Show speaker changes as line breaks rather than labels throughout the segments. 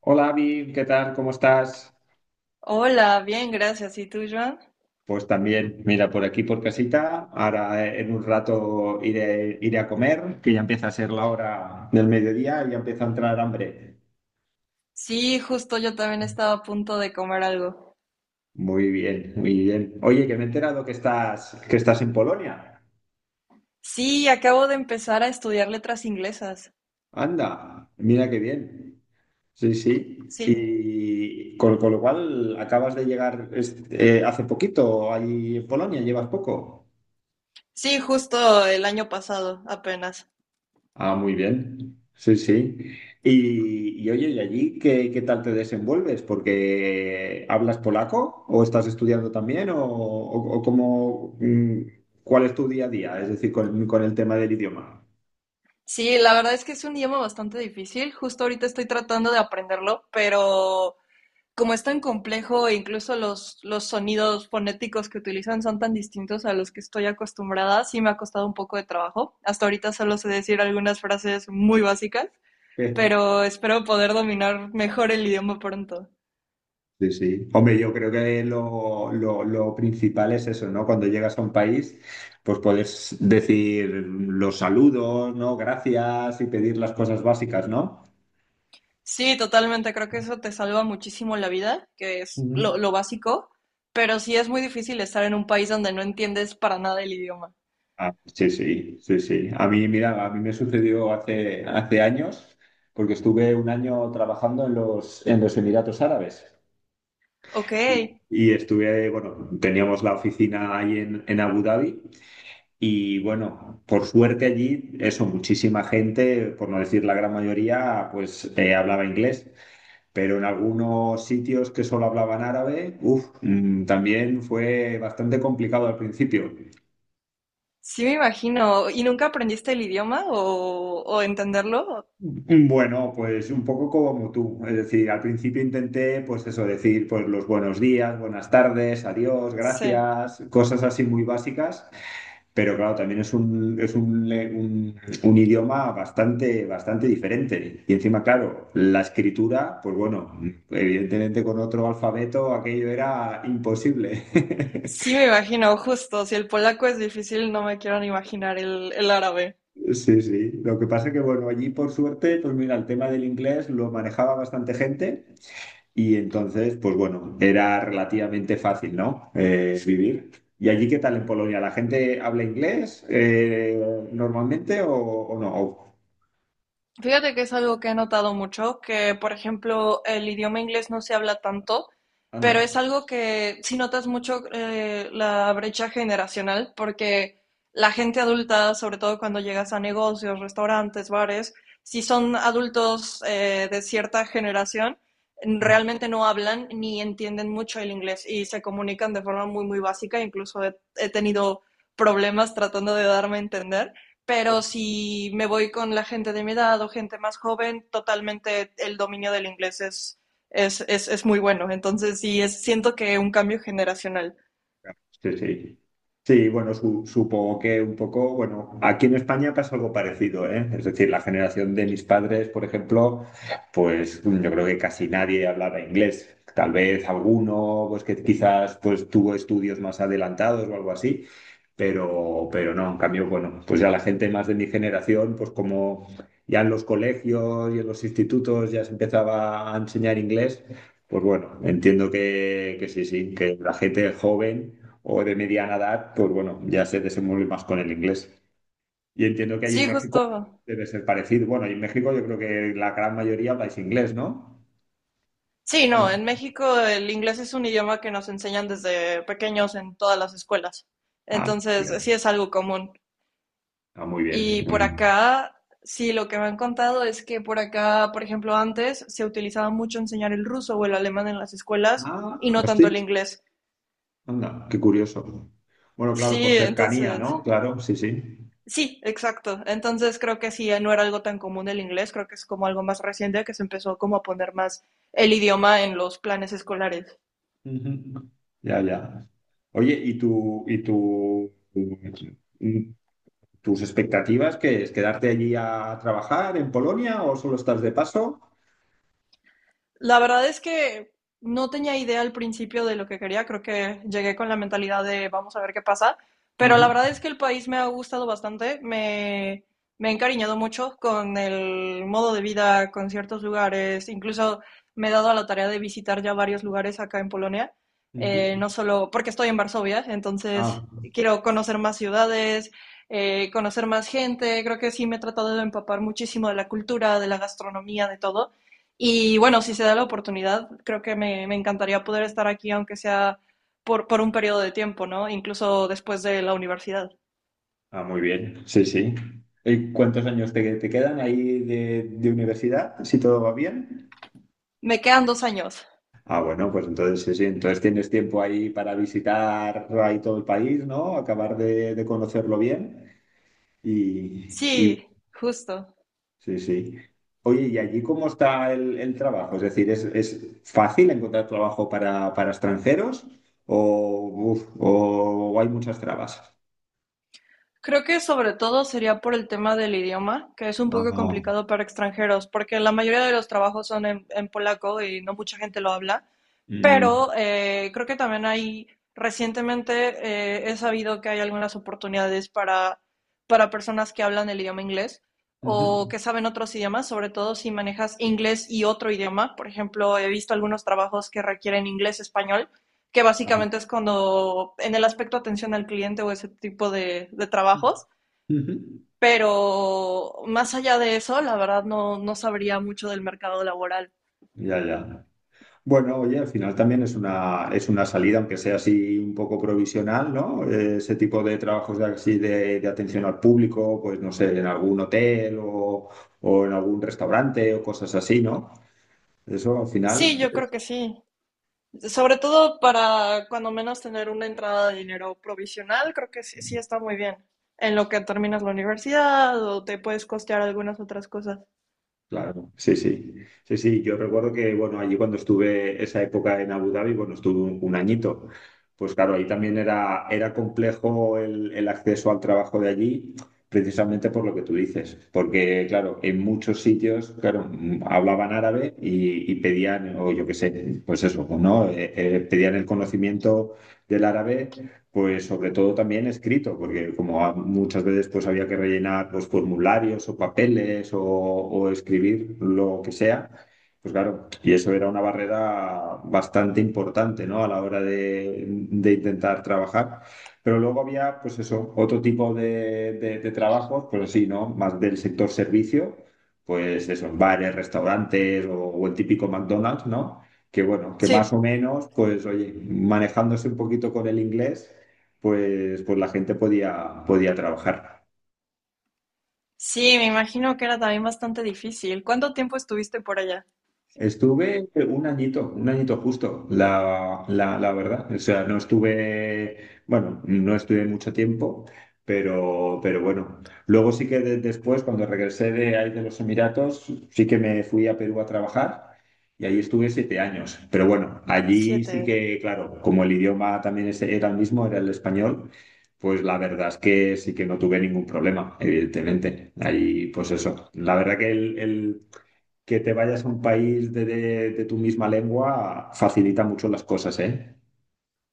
Hola, Avi, ¿qué tal? ¿Cómo estás?
Hola, bien, gracias. ¿Y tú, Joan?
Pues también, mira, por aquí por casita. Ahora en un rato iré a comer, que ya empieza a ser la hora del mediodía y ya empieza a entrar hambre.
Sí, justo yo también estaba a punto de comer algo.
Muy bien, muy bien. Oye, que me he enterado que estás en Polonia.
Sí, acabo de empezar a estudiar letras inglesas.
Anda, mira qué bien. Sí, sí.
Sí,
Y con lo cual acabas de llegar hace poquito ahí en Polonia, llevas poco.
sí, justo el año pasado, apenas.
Ah, muy bien. Sí, sí. Y oye, ¿y allí qué, qué tal te desenvuelves? Porque ¿hablas polaco o estás estudiando también o, o cómo, cuál es tu día a día? Es decir, con el tema del idioma.
Sí, la verdad es que es un idioma bastante difícil. Justo ahorita estoy tratando de aprenderlo, pero como es tan complejo, e incluso los sonidos fonéticos que utilizan son tan distintos a los que estoy acostumbrada, sí me ha costado un poco de trabajo. Hasta ahorita solo sé decir algunas frases muy básicas.
Eh,
Pero espero poder dominar mejor el idioma pronto.
Sí, sí. Hombre, yo creo que lo principal es eso, ¿no? Cuando llegas a un país, pues puedes decir los saludos, ¿no? Gracias y pedir las cosas básicas, ¿no?
Sí, totalmente, creo que eso te salva muchísimo la vida, que es lo básico, pero sí es muy difícil estar en un país donde no entiendes para nada el idioma.
Ah, sí, sí, sí, sí. A mí, mira, a mí me sucedió hace años, porque estuve un año trabajando en los Emiratos Árabes.
Ok,
Y estuve, bueno, teníamos la oficina ahí en Abu Dhabi y bueno, por suerte allí, eso, muchísima gente, por no decir la gran mayoría, pues hablaba inglés. Pero en algunos sitios que solo hablaban árabe, uf, también fue bastante complicado al principio.
sí me imagino. ¿Y nunca aprendiste el idioma o entenderlo?
Bueno, pues un poco como tú, es decir, al principio intenté, pues eso, decir, pues los buenos días, buenas tardes, adiós,
Sí,
gracias, cosas así muy básicas, pero claro, también es un, es un idioma bastante, bastante diferente. Y encima, claro, la escritura, pues bueno, evidentemente con otro alfabeto aquello era imposible.
sí me imagino, justo, si el polaco es difícil, no me quiero ni imaginar el árabe.
Sí, sí. Lo que pasa que, bueno, allí por suerte, pues mira, el tema del inglés lo manejaba bastante gente. Y entonces, pues bueno, era relativamente fácil, ¿no? Vivir. ¿Y allí qué tal en Polonia? ¿La gente habla inglés normalmente o no?
Fíjate que es algo que he notado mucho, que por ejemplo el idioma inglés no se habla tanto, pero
Anda.
es algo que sí notas mucho la brecha generacional, porque la gente adulta, sobre todo cuando llegas a negocios, restaurantes, bares, si son adultos de cierta generación, realmente no hablan ni entienden mucho el inglés y se comunican de forma muy, muy básica, incluso he tenido problemas tratando de darme a entender. Pero si me voy con la gente de mi edad o gente más joven, totalmente el dominio del inglés es muy bueno. Entonces, sí, es, siento que un cambio generacional.
Sí, sí. Sí, bueno, supongo que un poco, bueno, aquí en España pasa algo parecido, ¿eh? Es decir, la generación de mis padres, por ejemplo, pues yo creo que casi nadie hablaba inglés. Tal vez alguno, pues que quizás pues tuvo estudios más adelantados o algo así, pero no, en cambio, bueno, pues ya la gente más de mi generación, pues como ya en los colegios y en los institutos ya se empezaba a enseñar inglés. Pues bueno, entiendo que sí, sí, que la gente joven o de mediana edad, pues bueno, ya se desenvuelve más con el inglés. Y entiendo que ahí en
Sí,
México
justo.
debe ser parecido. Bueno, y en México yo creo que la gran mayoría habláis inglés, ¿no?
Sí,
¿O
no,
no?
en México el inglés es un idioma que nos enseñan desde pequeños en todas las escuelas.
Ah, muy
Entonces, sí
bien.
es algo común.
Ah, muy bien.
Y por
Mm.
acá, sí, lo que me han contado es que por acá, por ejemplo, antes se utilizaba mucho enseñar el ruso o el alemán en las escuelas y
Ah,
no
pues
tanto el
sí.
inglés.
Anda, qué curioso. Bueno, claro, por
Sí,
cercanía,
entonces,
¿no? Claro, sí, sí.
sí, exacto. Entonces creo que sí, no era algo tan común el inglés, creo que es como algo más reciente que se empezó como a poner más el idioma en los planes escolares.
Ujú. Ya, ya. Oye, ¿y tus expectativas qué es? ¿Quedarte allí a trabajar en Polonia o solo estás de paso?
La verdad es que no tenía idea al principio de lo que quería, creo que llegué con la mentalidad de vamos a ver qué pasa, pero
Ujú,
la verdad es que el país me ha gustado bastante, me he encariñado mucho con el modo de vida, con ciertos lugares, incluso me he dado a la tarea de visitar ya varios lugares acá en Polonia,
ujú.
no solo porque estoy en Varsovia,
Ah,
entonces quiero conocer más ciudades, conocer más gente, creo que sí me he tratado de empapar muchísimo de la cultura, de la gastronomía, de todo. Y bueno, si se da la oportunidad, creo que me encantaría poder estar aquí, aunque sea por un periodo de tiempo, ¿no? Incluso después de la universidad.
ah, muy bien, sí, sí. ¿Y cuántos años te quedan ahí de universidad, si todo va bien?
Me quedan dos años.
Ah, bueno, pues entonces sí, sí, entonces tienes tiempo ahí para visitar ahí todo el país, ¿no? Acabar de conocerlo bien y, y-
Sí, justo.
sí, sí. Oye, ¿y allí cómo está el trabajo? Es decir, es fácil encontrar trabajo para extranjeros o, uf, o hay muchas trabas?
Creo que sobre todo sería por el tema del idioma, que es un poco
Ah,
complicado para extranjeros, porque la mayoría de los trabajos son en polaco y no mucha gente lo habla,
mm,
pero creo que también hay, recientemente he sabido que hay algunas oportunidades para personas que hablan el idioma inglés o
ujú.
que saben otros idiomas, sobre todo si manejas inglés y otro idioma. Por ejemplo, he visto algunos trabajos que requieren inglés-español que
Vale.
básicamente es cuando en el aspecto atención al cliente o ese tipo de trabajos,
Ujú.
pero más allá de eso, la verdad no, no sabría mucho del mercado laboral.
Ya, ya. Bueno, oye, al final también es una salida, aunque sea así un poco provisional, ¿no? Ese tipo de trabajos de, así de atención al público, pues no sé, en algún hotel o en algún restaurante o cosas así, ¿no? Eso al
Sí,
final.
yo creo que sí. Sobre todo para cuando menos tener una entrada de dinero provisional, creo que sí, sí está muy bien. En lo que terminas la universidad o te puedes costear algunas otras cosas.
Claro, sí, sí, sí, sí. Yo recuerdo que, bueno, allí cuando estuve esa época en Abu Dhabi, bueno, estuve un añito. Pues claro, ahí también era, era complejo el acceso al trabajo de allí, precisamente por lo que tú dices. Porque, claro, en muchos sitios, claro, hablaban árabe y pedían, o yo qué sé, pues eso, ¿no? Pedían el conocimiento del árabe pues sobre todo también escrito, porque como muchas veces pues había que rellenar los formularios o papeles o escribir lo que sea, pues claro, y eso era una barrera bastante importante, ¿no? A la hora de intentar trabajar. Pero luego había, pues eso, otro tipo de, de trabajos, pues así, ¿no? Más del sector servicio, pues eso, en bares, restaurantes o el típico McDonald's, ¿no? Que bueno, que más
Sí,
o menos, pues oye, manejándose un poquito con el inglés, pues la gente podía, podía trabajar.
sí, me imagino que era también bastante difícil. ¿Cuánto tiempo estuviste por allá?
Estuve un añito justo, la verdad. O sea, no estuve, bueno, no estuve mucho tiempo, pero bueno. Luego sí que después, cuando regresé de ahí de los Emiratos, sí que me fui a Perú a trabajar y allí estuve siete años. Pero bueno, allí sí
Siete,
que, claro, como el idioma también era el mismo, era el español, pues la verdad es que sí que no tuve ningún problema, evidentemente. Ahí, pues eso. La verdad que el que te vayas a un país de, de tu misma lengua facilita mucho las cosas, ¿eh?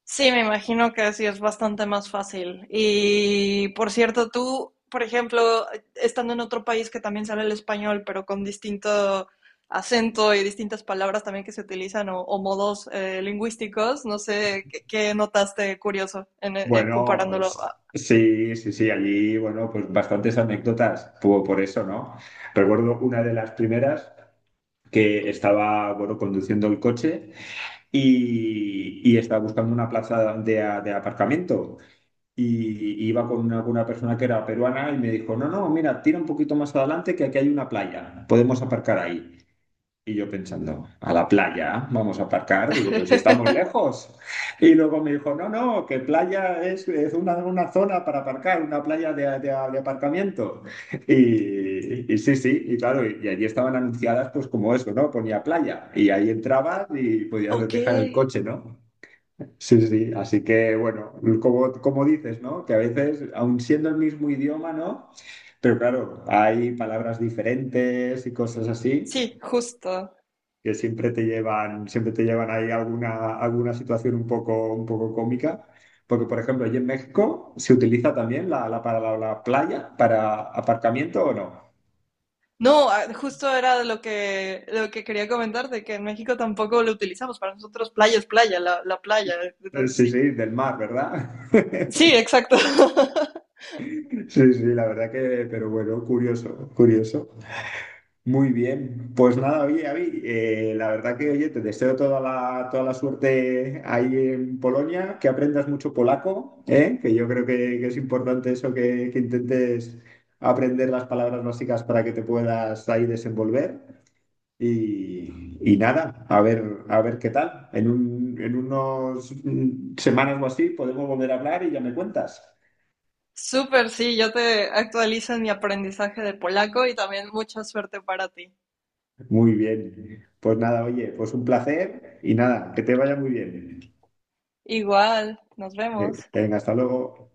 sí, me imagino que sí es bastante más fácil. Y por cierto, tú, por ejemplo, estando en otro país que también sale el español, pero con distinto acento y distintas palabras también que se utilizan o modos lingüísticos, no sé qué, qué notaste curioso en
Bueno,
comparándolo. A-
sí, sí, sí, allí, bueno, pues bastantes anécdotas por eso, ¿no? Recuerdo una de las primeras que estaba, bueno, conduciendo el coche y estaba buscando una plaza de, de aparcamiento. Y iba con una persona que era peruana y me dijo, no, no, mira, tira un poquito más adelante que aquí hay una playa, podemos aparcar ahí. Y yo pensando, a la playa, vamos a aparcar. Digo, pero si estamos lejos. Y luego me dijo, no, no, que playa es una zona para aparcar, una playa de, de aparcamiento. Y sí, sí, y claro, y allí estaban anunciadas, pues como eso, ¿no? Ponía playa. Y ahí entrabas y podías
Ok,
dejar el coche, ¿no? Sí, sí, así que bueno, como, como dices, ¿no? Que a veces, aun siendo el mismo idioma, ¿no? Pero claro, hay palabras diferentes y cosas así
sí, justo.
que siempre te llevan ahí alguna, alguna situación un poco cómica. Porque, por ejemplo, allí en México se utiliza también para la playa para aparcamiento o no.
No, ah, justo era lo que quería comentarte que en México tampoco lo utilizamos. Para nosotros playa es playa, la playa. Entonces
Sí,
sí,
sí, del mar, ¿verdad?
sí, exacto.
Sí, sí, la verdad que, pero bueno, curioso, curioso. Muy bien, pues nada, oye, Avi, la verdad que, oye, te deseo toda la suerte ahí en Polonia, que aprendas mucho polaco, ¿eh? Que yo creo que es importante eso, que intentes aprender las palabras básicas para que te puedas ahí desenvolver. Y nada, a ver qué tal. En un, en unos semanas o así podemos volver a hablar y ya me cuentas.
Súper, sí, yo te actualizo en mi aprendizaje de polaco y también mucha suerte para ti.
Muy bien, pues nada, oye, pues un placer y nada, que te vaya muy bien.
Igual, nos vemos.
Venga, hasta luego.